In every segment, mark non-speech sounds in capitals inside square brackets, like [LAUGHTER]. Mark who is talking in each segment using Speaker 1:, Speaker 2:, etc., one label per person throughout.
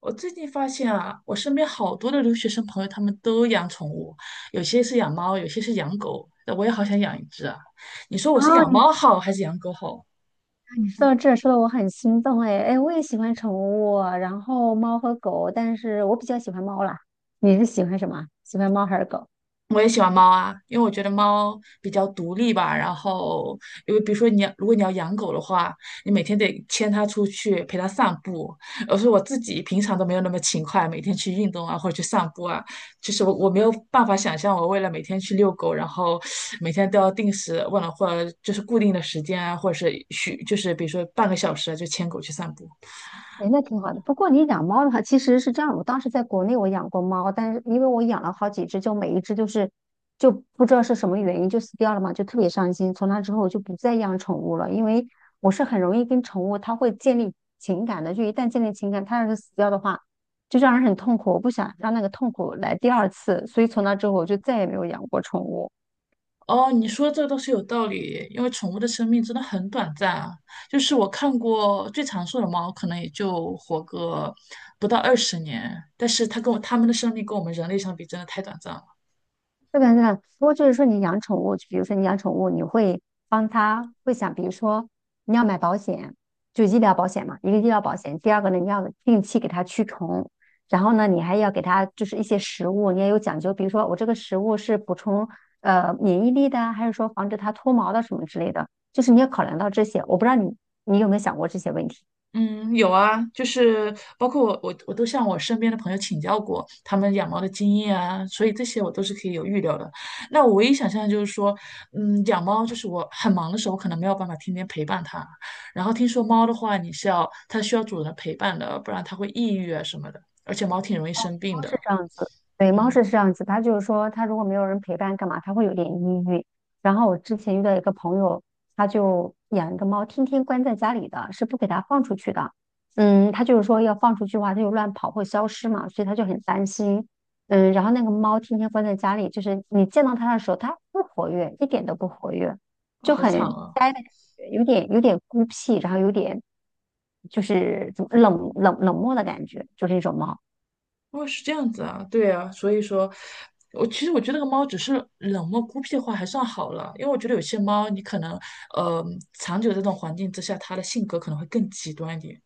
Speaker 1: 我最近发现啊，我身边好多的留学生朋友，他们都养宠物，有些是养猫，有些是养狗。我也好想养一只啊！你说我是
Speaker 2: 哦，
Speaker 1: 养
Speaker 2: 你
Speaker 1: 猫好还是养狗好？
Speaker 2: 你说到这儿说的我很心动哎哎，我也喜欢宠物，然后猫和狗，但是我比较喜欢猫啦。你是喜欢什么？喜欢猫还是狗？
Speaker 1: 我也喜欢猫啊，因为我觉得猫比较独立吧。然后，因为比如说你要，如果你要养狗的话，你每天得牵它出去陪它散步。而是我自己平常都没有那么勤快，每天去运动啊或者去散步啊，就是我没有办法想象我为了每天去遛狗，然后每天都要定时，忘了或者就是固定的时间啊，或者是许就是比如说半个小时啊就牵狗去散步。
Speaker 2: 哎，那挺好的。不过你养猫的话，其实是这样。我当时在国内我养过猫，但是因为我养了好几只，就每一只就不知道是什么原因就死掉了嘛，就特别伤心。从那之后我就不再养宠物了，因为我是很容易跟宠物它会建立情感的。就一旦建立情感，它要是死掉的话，就让人很痛苦。我不想让那个痛苦来第二次，所以从那之后我就再也没有养过宠物。
Speaker 1: 哦，你说的这个倒是有道理，因为宠物的生命真的很短暂啊。就是我看过最长寿的猫，可能也就活个不到20年，但是它跟我它们的生命跟我们人类相比，真的太短暂了。
Speaker 2: 这个呢，不过就是说你养宠物，比如说你养宠物，你会帮它会想，比如说你要买保险，就医疗保险嘛，一个医疗保险。第二个呢，你要定期给它驱虫，然后呢，你还要给它就是一些食物，你也有讲究，比如说我这个食物是补充免疫力的啊，还是说防止它脱毛的什么之类的，就是你要考量到这些。我不知道你有没有想过这些问题。
Speaker 1: 嗯，有啊，就是包括我，我都向我身边的朋友请教过他们养猫的经验啊，所以这些我都是可以有预料的。那我唯一想象的就是说，养猫就是我很忙的时候，可能没有办法天天陪伴它。然后听说猫的话，你是要它需要主人的陪伴的，不然它会抑郁啊什么的，而且猫挺容易生病
Speaker 2: 猫是
Speaker 1: 的。
Speaker 2: 这样子，对，猫
Speaker 1: 嗯，
Speaker 2: 是这样子。它就是说，它如果没有人陪伴，干嘛？它会有点抑郁。然后我之前遇到一个朋友，他就养一个猫，天天关在家里的，是不给它放出去的。嗯，他就是说要放出去的话，它就乱跑会消失嘛，所以他就很担心。嗯，然后那个猫天天关在家里，就是你见到它的时候，它不活跃，一点都不活跃，就
Speaker 1: 好惨
Speaker 2: 很
Speaker 1: 啊。
Speaker 2: 呆的感觉，有点孤僻，然后有点就是怎么冷漠的感觉，就是一种猫。
Speaker 1: 哦，是这样子啊，对啊，所以说，我其实我觉得那个猫只是冷漠孤僻的话还算好了，因为我觉得有些猫你可能，呃，长久这种环境之下，它的性格可能会更极端一点。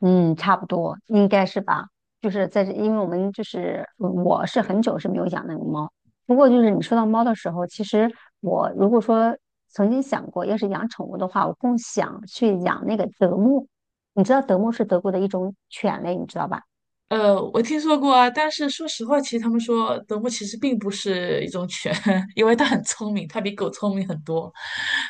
Speaker 2: 嗯，差不多应该是吧。就是在这，因为我们就是嗯我是很久是没有养那个猫。不过就是你说到猫的时候，其实我如果说曾经想过，要是养宠物的话，我更想去养那个德牧。你知道德牧是德国的一种犬类，你知道吧？
Speaker 1: 我听说过啊，但是说实话，其实他们说德牧其实并不是一种犬，[LAUGHS] 因为它很聪明，它比狗聪明很多。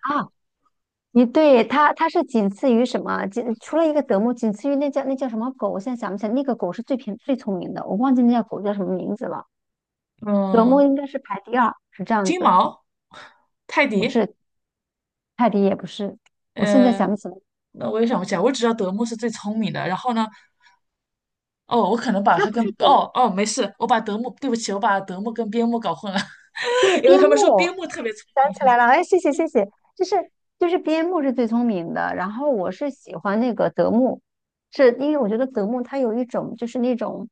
Speaker 2: 啊，你对它，它是仅次于什么？仅除了一个德牧，仅次于那叫那叫什么狗？我现在想不起来，那个狗是最偏最聪明的，我忘记那叫狗叫什么名字了。德牧
Speaker 1: 嗯，
Speaker 2: 应该是排第二，是这样
Speaker 1: 金
Speaker 2: 子。
Speaker 1: 毛、泰
Speaker 2: 不
Speaker 1: 迪，
Speaker 2: 是，泰迪也不是，我现在
Speaker 1: 呃，
Speaker 2: 想不起来，
Speaker 1: 那我也想不起来，我只知道德牧是最聪明的，然后呢？哦，我可能
Speaker 2: 好
Speaker 1: 把
Speaker 2: 像
Speaker 1: 它
Speaker 2: 不
Speaker 1: 跟
Speaker 2: 是德
Speaker 1: 哦
Speaker 2: 牧，
Speaker 1: 哦没事，我把德牧，对不起，我把德牧跟边牧搞混了，[LAUGHS]
Speaker 2: 对，
Speaker 1: 因为
Speaker 2: 边
Speaker 1: 他们说
Speaker 2: 牧，
Speaker 1: 边牧特别聪
Speaker 2: 想起来了，哎，谢谢谢
Speaker 1: 明，
Speaker 2: 谢，就是就是边牧是最聪明的，然后我是喜欢那个德牧，是因为我觉得德牧它有一种就是那种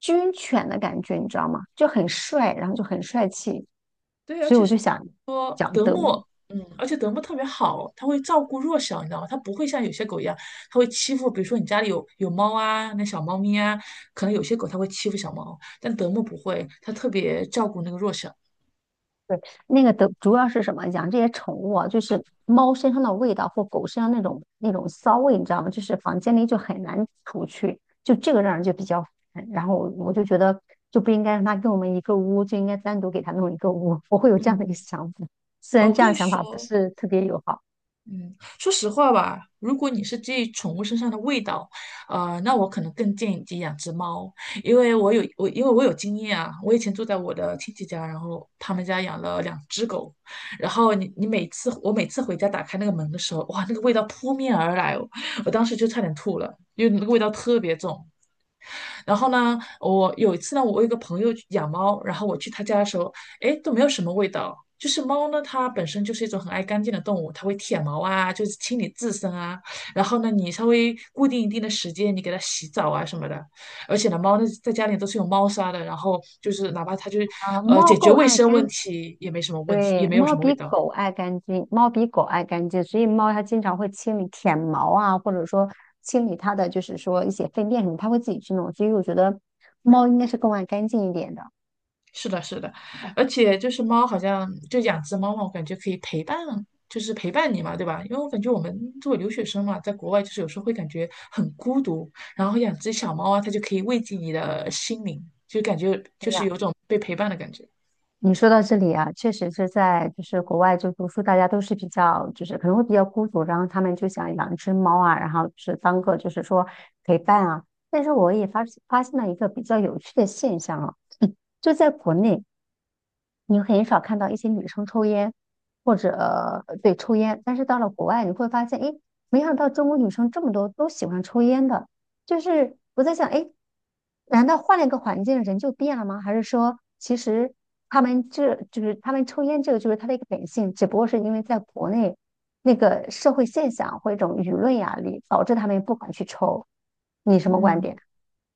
Speaker 2: 军犬的感觉，你知道吗？就很帅，然后就很帅气，
Speaker 1: 对，而
Speaker 2: 所以
Speaker 1: 且
Speaker 2: 我
Speaker 1: 是
Speaker 2: 就想
Speaker 1: 说
Speaker 2: 讲
Speaker 1: 德
Speaker 2: 德
Speaker 1: 牧，
Speaker 2: 牧。
Speaker 1: 嗯，而且德牧特别好，它会照顾弱小，你知道吗？它不会像有些狗一样，它会欺负，比如说你家里有猫啊，那小猫咪啊，可能有些狗它会欺负小猫，但德牧不会，它特别照顾那个弱小。
Speaker 2: 对，那个的主要是什么？养这些宠物啊，就是猫身上的味道或狗身上那种骚味，你知道吗？就是房间里就很难除去，就这个让人就比较烦。然后我就觉得就不应该让它跟我们一个屋，就应该单独给它弄一个屋。[LAUGHS] 我会有这样的一个
Speaker 1: 嗯，
Speaker 2: 想法，虽
Speaker 1: 哦
Speaker 2: 然
Speaker 1: 我
Speaker 2: 这
Speaker 1: 跟
Speaker 2: 样
Speaker 1: 你
Speaker 2: 想法不
Speaker 1: 说。
Speaker 2: 是特别友好
Speaker 1: 嗯，说实话吧，如果你是介意宠物身上的味道，那我可能更建议你养只猫，因为我有我因为我有经验啊，我以前住在我的亲戚家，然后他们家养了2只狗，然后你你每次我每次回家打开那个门的时候，哇，那个味道扑面而来哦，我当时就差点吐了，因为那个味道特别重，然后呢，我有一次呢，我有一个朋友养猫，然后我去他家的时候，哎，都没有什么味道。就是猫呢，它本身就是一种很爱干净的动物，它会舔毛啊，就是清理自身啊。然后呢，你稍微固定一定的时间，你给它洗澡啊什么的。而且呢，猫呢在家里都是有猫砂的，然后就是哪怕它就是
Speaker 2: 啊。猫
Speaker 1: 解决
Speaker 2: 更
Speaker 1: 卫
Speaker 2: 爱
Speaker 1: 生问
Speaker 2: 干，
Speaker 1: 题也没什么问题，也
Speaker 2: 对，
Speaker 1: 没有什
Speaker 2: 猫
Speaker 1: 么味
Speaker 2: 比
Speaker 1: 道。
Speaker 2: 狗爱干净，猫比狗爱干净，所以猫它经常会清理舔毛啊，或者说清理它的就是说一些粪便什么，它会自己去弄。所以我觉得猫应该是更爱干净一点的。
Speaker 1: 是的，是的，而且就是猫，好像就养只猫嘛，我感觉可以陪伴，就是陪伴你嘛，对吧？因为我感觉我们作为留学生嘛，在国外就是有时候会感觉很孤独，然后养只小猫啊，它就可以慰藉你的心灵，就感觉
Speaker 2: 哎
Speaker 1: 就是
Speaker 2: 呀，
Speaker 1: 有种被陪伴的感觉。
Speaker 2: 你说到这里啊，确实是在就是国外就读书，大家都是比较就是可能会比较孤独，然后他们就想养一只猫啊，然后就是当个就是说陪伴啊。但是我也发现了一个比较有趣的现象啊，就在国内。你很少看到一些女生抽烟，或者对抽烟，但是到了国外，你会发现，诶，没想到中国女生这么多都喜欢抽烟的。就是我在想，诶，难道换了一个环境人就变了吗？还是说，其实他们这就是他们抽烟这个就是他的一个本性，只不过是因为在国内那个社会现象或一种舆论压力，导致他们不敢去抽。你什么观
Speaker 1: 嗯。
Speaker 2: 点？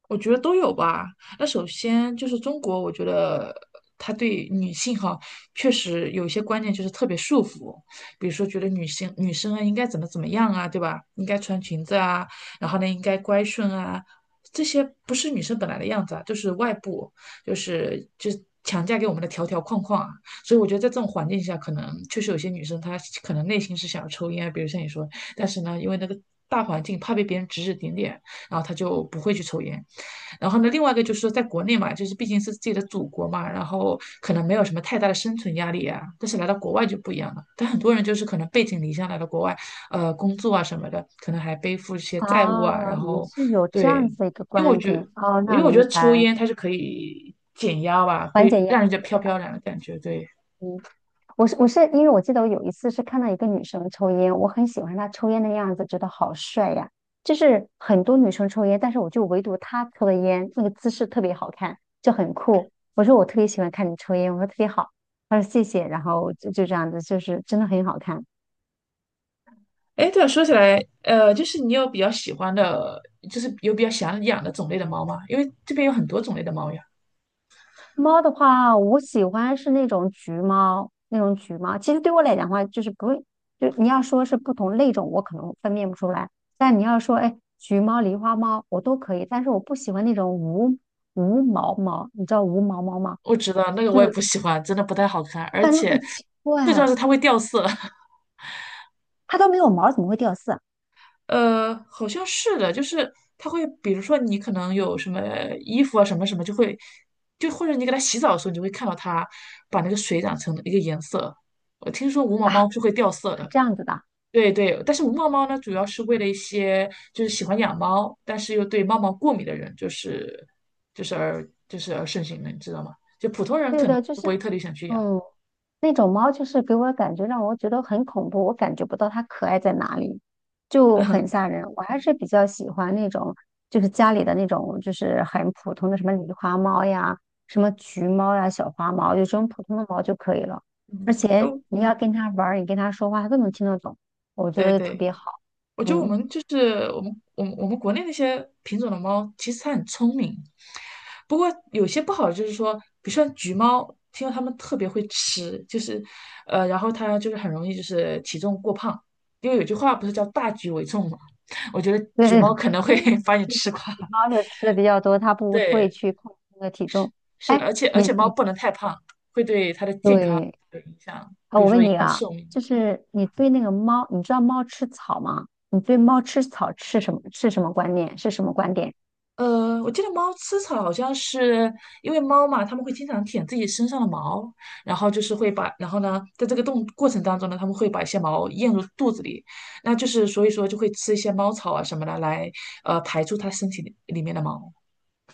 Speaker 1: 我觉得都有吧。那首先就是中国，我觉得他对女性哈，确实有一些观念就是特别束缚，比如说觉得女性女生啊应该怎么怎么样啊，对吧？应该穿裙子啊，然后呢应该乖顺啊，这些不是女生本来的样子啊，就是外部，就是强加给我们的条条框框啊。所以我觉得在这种环境下，可能确实有些女生她可能内心是想要抽烟啊比如像你说，但是呢，因为那个大环境怕被别人指指点点，然后她就不会去抽烟。然后呢，另外一个就是说，在国内嘛，就是毕竟是自己的祖国嘛，然后可能没有什么太大的生存压力啊。但是来到国外就不一样了，但很多人就是可能背井离乡来到国外，工作啊什么的，可能还背负一些债务啊。
Speaker 2: 哦，
Speaker 1: 然
Speaker 2: 你
Speaker 1: 后，
Speaker 2: 是有这样
Speaker 1: 对，
Speaker 2: 子的一个
Speaker 1: 因为我
Speaker 2: 观
Speaker 1: 觉得，
Speaker 2: 点哦，
Speaker 1: 我
Speaker 2: 那
Speaker 1: 因
Speaker 2: 我
Speaker 1: 为我觉
Speaker 2: 明
Speaker 1: 得抽
Speaker 2: 白。
Speaker 1: 烟它是可以减压吧，
Speaker 2: 缓
Speaker 1: 会
Speaker 2: 解压
Speaker 1: 让人家
Speaker 2: 力的。
Speaker 1: 飘飘然的感觉。对，
Speaker 2: 嗯，我是因为我记得我有一次是看到一个女生抽烟，我很喜欢她抽烟的样子，觉得好帅呀。就是很多女生抽烟，但是我就唯独她抽的烟那个姿势特别好看，就很酷。我说我特别喜欢看你抽烟，我说特别好。她说谢谢，然后就这样子，就是真的很好看。
Speaker 1: 哎，对了，说起来，就是你有比较喜欢的，就是有比较想养的种类的猫吗？因为这边有很多种类的猫呀。
Speaker 2: 猫的话，我喜欢是那种橘猫，那种橘猫。其实对我来讲的话，就是不会，就你要说是不同类种，我可能分辨不出来。但你要说，哎，橘猫、狸花猫，我都可以。但是我不喜欢那种无毛猫，你知道无毛猫吗？
Speaker 1: 我知道那个
Speaker 2: 就
Speaker 1: 我也不
Speaker 2: 是
Speaker 1: 喜欢，真的不太好看，而
Speaker 2: 感觉好
Speaker 1: 且
Speaker 2: 奇怪
Speaker 1: 最重要
Speaker 2: 啊，
Speaker 1: 是它会掉色。[LAUGHS]
Speaker 2: 它都没有毛，怎么会掉色
Speaker 1: 好像是的，就是它会，比如说你可能有什么衣服啊，什么什么，就会，就或者你给它洗澡的时候，你就会看到它把那个水染成一个颜色。我听说无毛
Speaker 2: 啊？啊
Speaker 1: 猫是会掉色的，
Speaker 2: 这样子的。
Speaker 1: 对对，但是无毛猫呢，主要是为了一些就是喜欢养猫，但是又对猫毛过敏的人，就是就是而就是而盛行的，你知道吗？就普通人
Speaker 2: 对
Speaker 1: 可能
Speaker 2: 的，就
Speaker 1: 不会
Speaker 2: 是，
Speaker 1: 特别想去养。
Speaker 2: 嗯，那种猫就是给我感觉让我觉得很恐怖，我感觉不到它可爱在哪里，就很吓
Speaker 1: [LAUGHS]
Speaker 2: 人。我还是比较喜欢那种，就是家里的那种，就是很普通的什么狸花猫呀、什么橘猫呀、小花猫，就这种普通的猫就可以了。而
Speaker 1: 嗯，
Speaker 2: 且
Speaker 1: 哦。
Speaker 2: 你要跟它玩儿，你跟它说话，它都能听得懂，我觉
Speaker 1: 对
Speaker 2: 得特
Speaker 1: 对，
Speaker 2: 别好。
Speaker 1: 我觉得我
Speaker 2: 嗯，
Speaker 1: 们就是我们我们我们国内那些品种的猫，其实它很聪明，不过有些不好的就是说，比如说橘猫，听说它们特别会吃，就是然后它就是很容易就是体重过胖，因为有句话不是叫大局为重嘛，[LAUGHS] 我觉得
Speaker 2: 对，
Speaker 1: 橘
Speaker 2: [LAUGHS]
Speaker 1: 猫可能会 [LAUGHS] 把你
Speaker 2: 就是
Speaker 1: 吃垮。
Speaker 2: 橘猫就吃的比较多，它
Speaker 1: [LAUGHS]
Speaker 2: 不会
Speaker 1: 对，
Speaker 2: 去控制那个体重。
Speaker 1: 是的
Speaker 2: 哎，
Speaker 1: 而且
Speaker 2: 你
Speaker 1: 猫
Speaker 2: 你
Speaker 1: 不能太胖，
Speaker 2: 对。
Speaker 1: 有影响。
Speaker 2: 啊，我问你啊，
Speaker 1: 寿命。
Speaker 2: 就是你对那个猫，你知道猫吃草吗？你对猫吃草吃什么是什么观念？是什么观点？
Speaker 1: 我记得猫吃草好像是因为猫嘛，它们会经常舔自己身上的毛，然后就是会把，然后呢，在这个动过程当中呢，它们会把一些毛咽入肚子里，那就是所以说就会吃一些猫草啊什么的来，排出它身体里面的毛。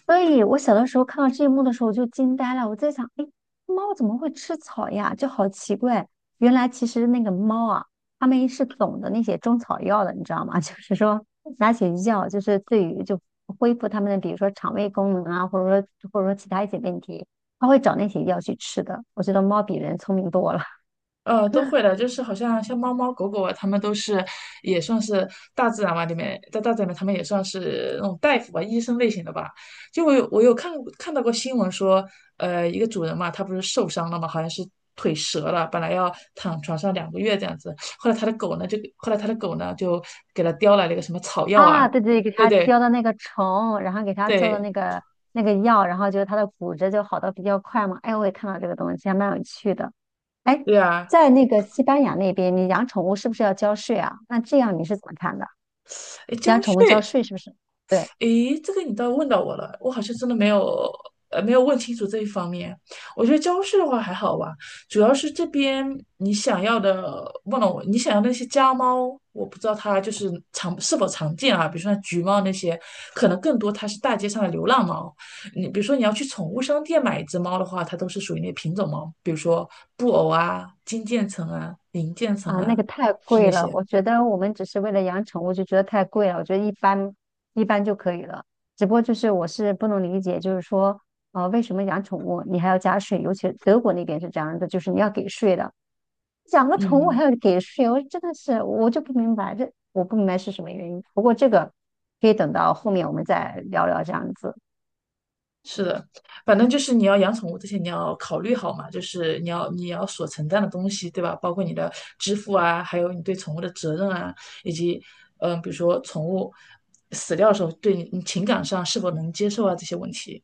Speaker 2: 所以我小的时候看到这一幕的时候，我就惊呆了。我在想，哎，猫怎么会吃草呀？就好奇怪。原来其实那个猫啊，它们是懂得那些中草药的，你知道吗？[LAUGHS] 就是说拿起药，就是对于就恢复它们的，比如说肠胃功能啊，或者说其他一些问题，它会找那些药去吃的。我觉得猫比人聪明多了。[LAUGHS]
Speaker 1: 都会的，就是好像像猫猫狗狗啊，它们都是也算是大自然吧，里面在大自然里面，它们也算是那种大夫吧，医生类型的吧。就我有看到过新闻说，一个主人嘛，他不是受伤了嘛，好像是腿折了，本来要躺床上2个月这样子，后来他的狗呢就给他叼来了一个什么草药啊，
Speaker 2: 啊，对对，给
Speaker 1: 对
Speaker 2: 他
Speaker 1: 对
Speaker 2: 浇的那个虫，然后给他做的
Speaker 1: 对
Speaker 2: 那个药，然后就是他的骨折就好的比较快嘛。哎，我也看到这个东西，还蛮有趣的。哎，
Speaker 1: 对啊，
Speaker 2: 在那个西班牙那边，你养宠物是不是要交税啊？那这样你是怎么看的？
Speaker 1: 哎，交
Speaker 2: 养宠物交
Speaker 1: 税
Speaker 2: 税是不是？对
Speaker 1: 诶，这个你倒问到我了，我好像真的没有，没有问清楚这一方面。我觉得教室的话还好吧，主要是这边你想要的，问了我，你想要那些家猫，我不知道它就是常是否常见啊，比如说像橘猫那些，可能更多它是大街上的流浪猫。你比如说你要去宠物商店买一只猫的话，它都是属于那品种猫，比如说布偶啊、金渐层啊、银渐层
Speaker 2: 啊，那
Speaker 1: 啊，
Speaker 2: 个太
Speaker 1: 是那
Speaker 2: 贵了，
Speaker 1: 些，
Speaker 2: 我觉得我们只是为了养宠物就觉得太贵了，我觉得一般就可以了。只不过就是我是不能理解，就是说为什么养宠物你还要加税？尤其德国那边是这样的，就是你要给税的。养个宠物
Speaker 1: 嗯。
Speaker 2: 还要给税，我真的是我就不明白这我不明白是什么原因。不过这个可以等到后面我们再聊聊这样子。
Speaker 1: 是的，反正就是你要养宠物之前，你要考虑好嘛，就是你要所承担的东西，对吧？包括你的支付啊，还有你对宠物的责任啊，以及比如说宠物死掉的时候，对你情感上是否能接受啊这些问题。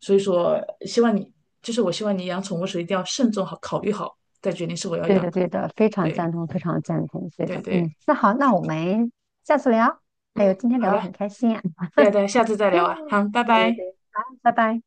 Speaker 1: 所以说，希望你就是我希望你养宠物时一定要慎重好考虑好，再决定是否要
Speaker 2: 对
Speaker 1: 养。
Speaker 2: 的，对的，非常赞
Speaker 1: 对
Speaker 2: 同，非常赞同。对
Speaker 1: 对
Speaker 2: 的，嗯，
Speaker 1: 对，
Speaker 2: 那好，那我们下次聊。哎呦，今天
Speaker 1: 好
Speaker 2: 聊得
Speaker 1: 的，
Speaker 2: 很开心啊。[LAUGHS]
Speaker 1: 对对，下次再聊啊，
Speaker 2: 嗯，
Speaker 1: 好，拜
Speaker 2: 对对
Speaker 1: 拜。
Speaker 2: 对，好，拜拜。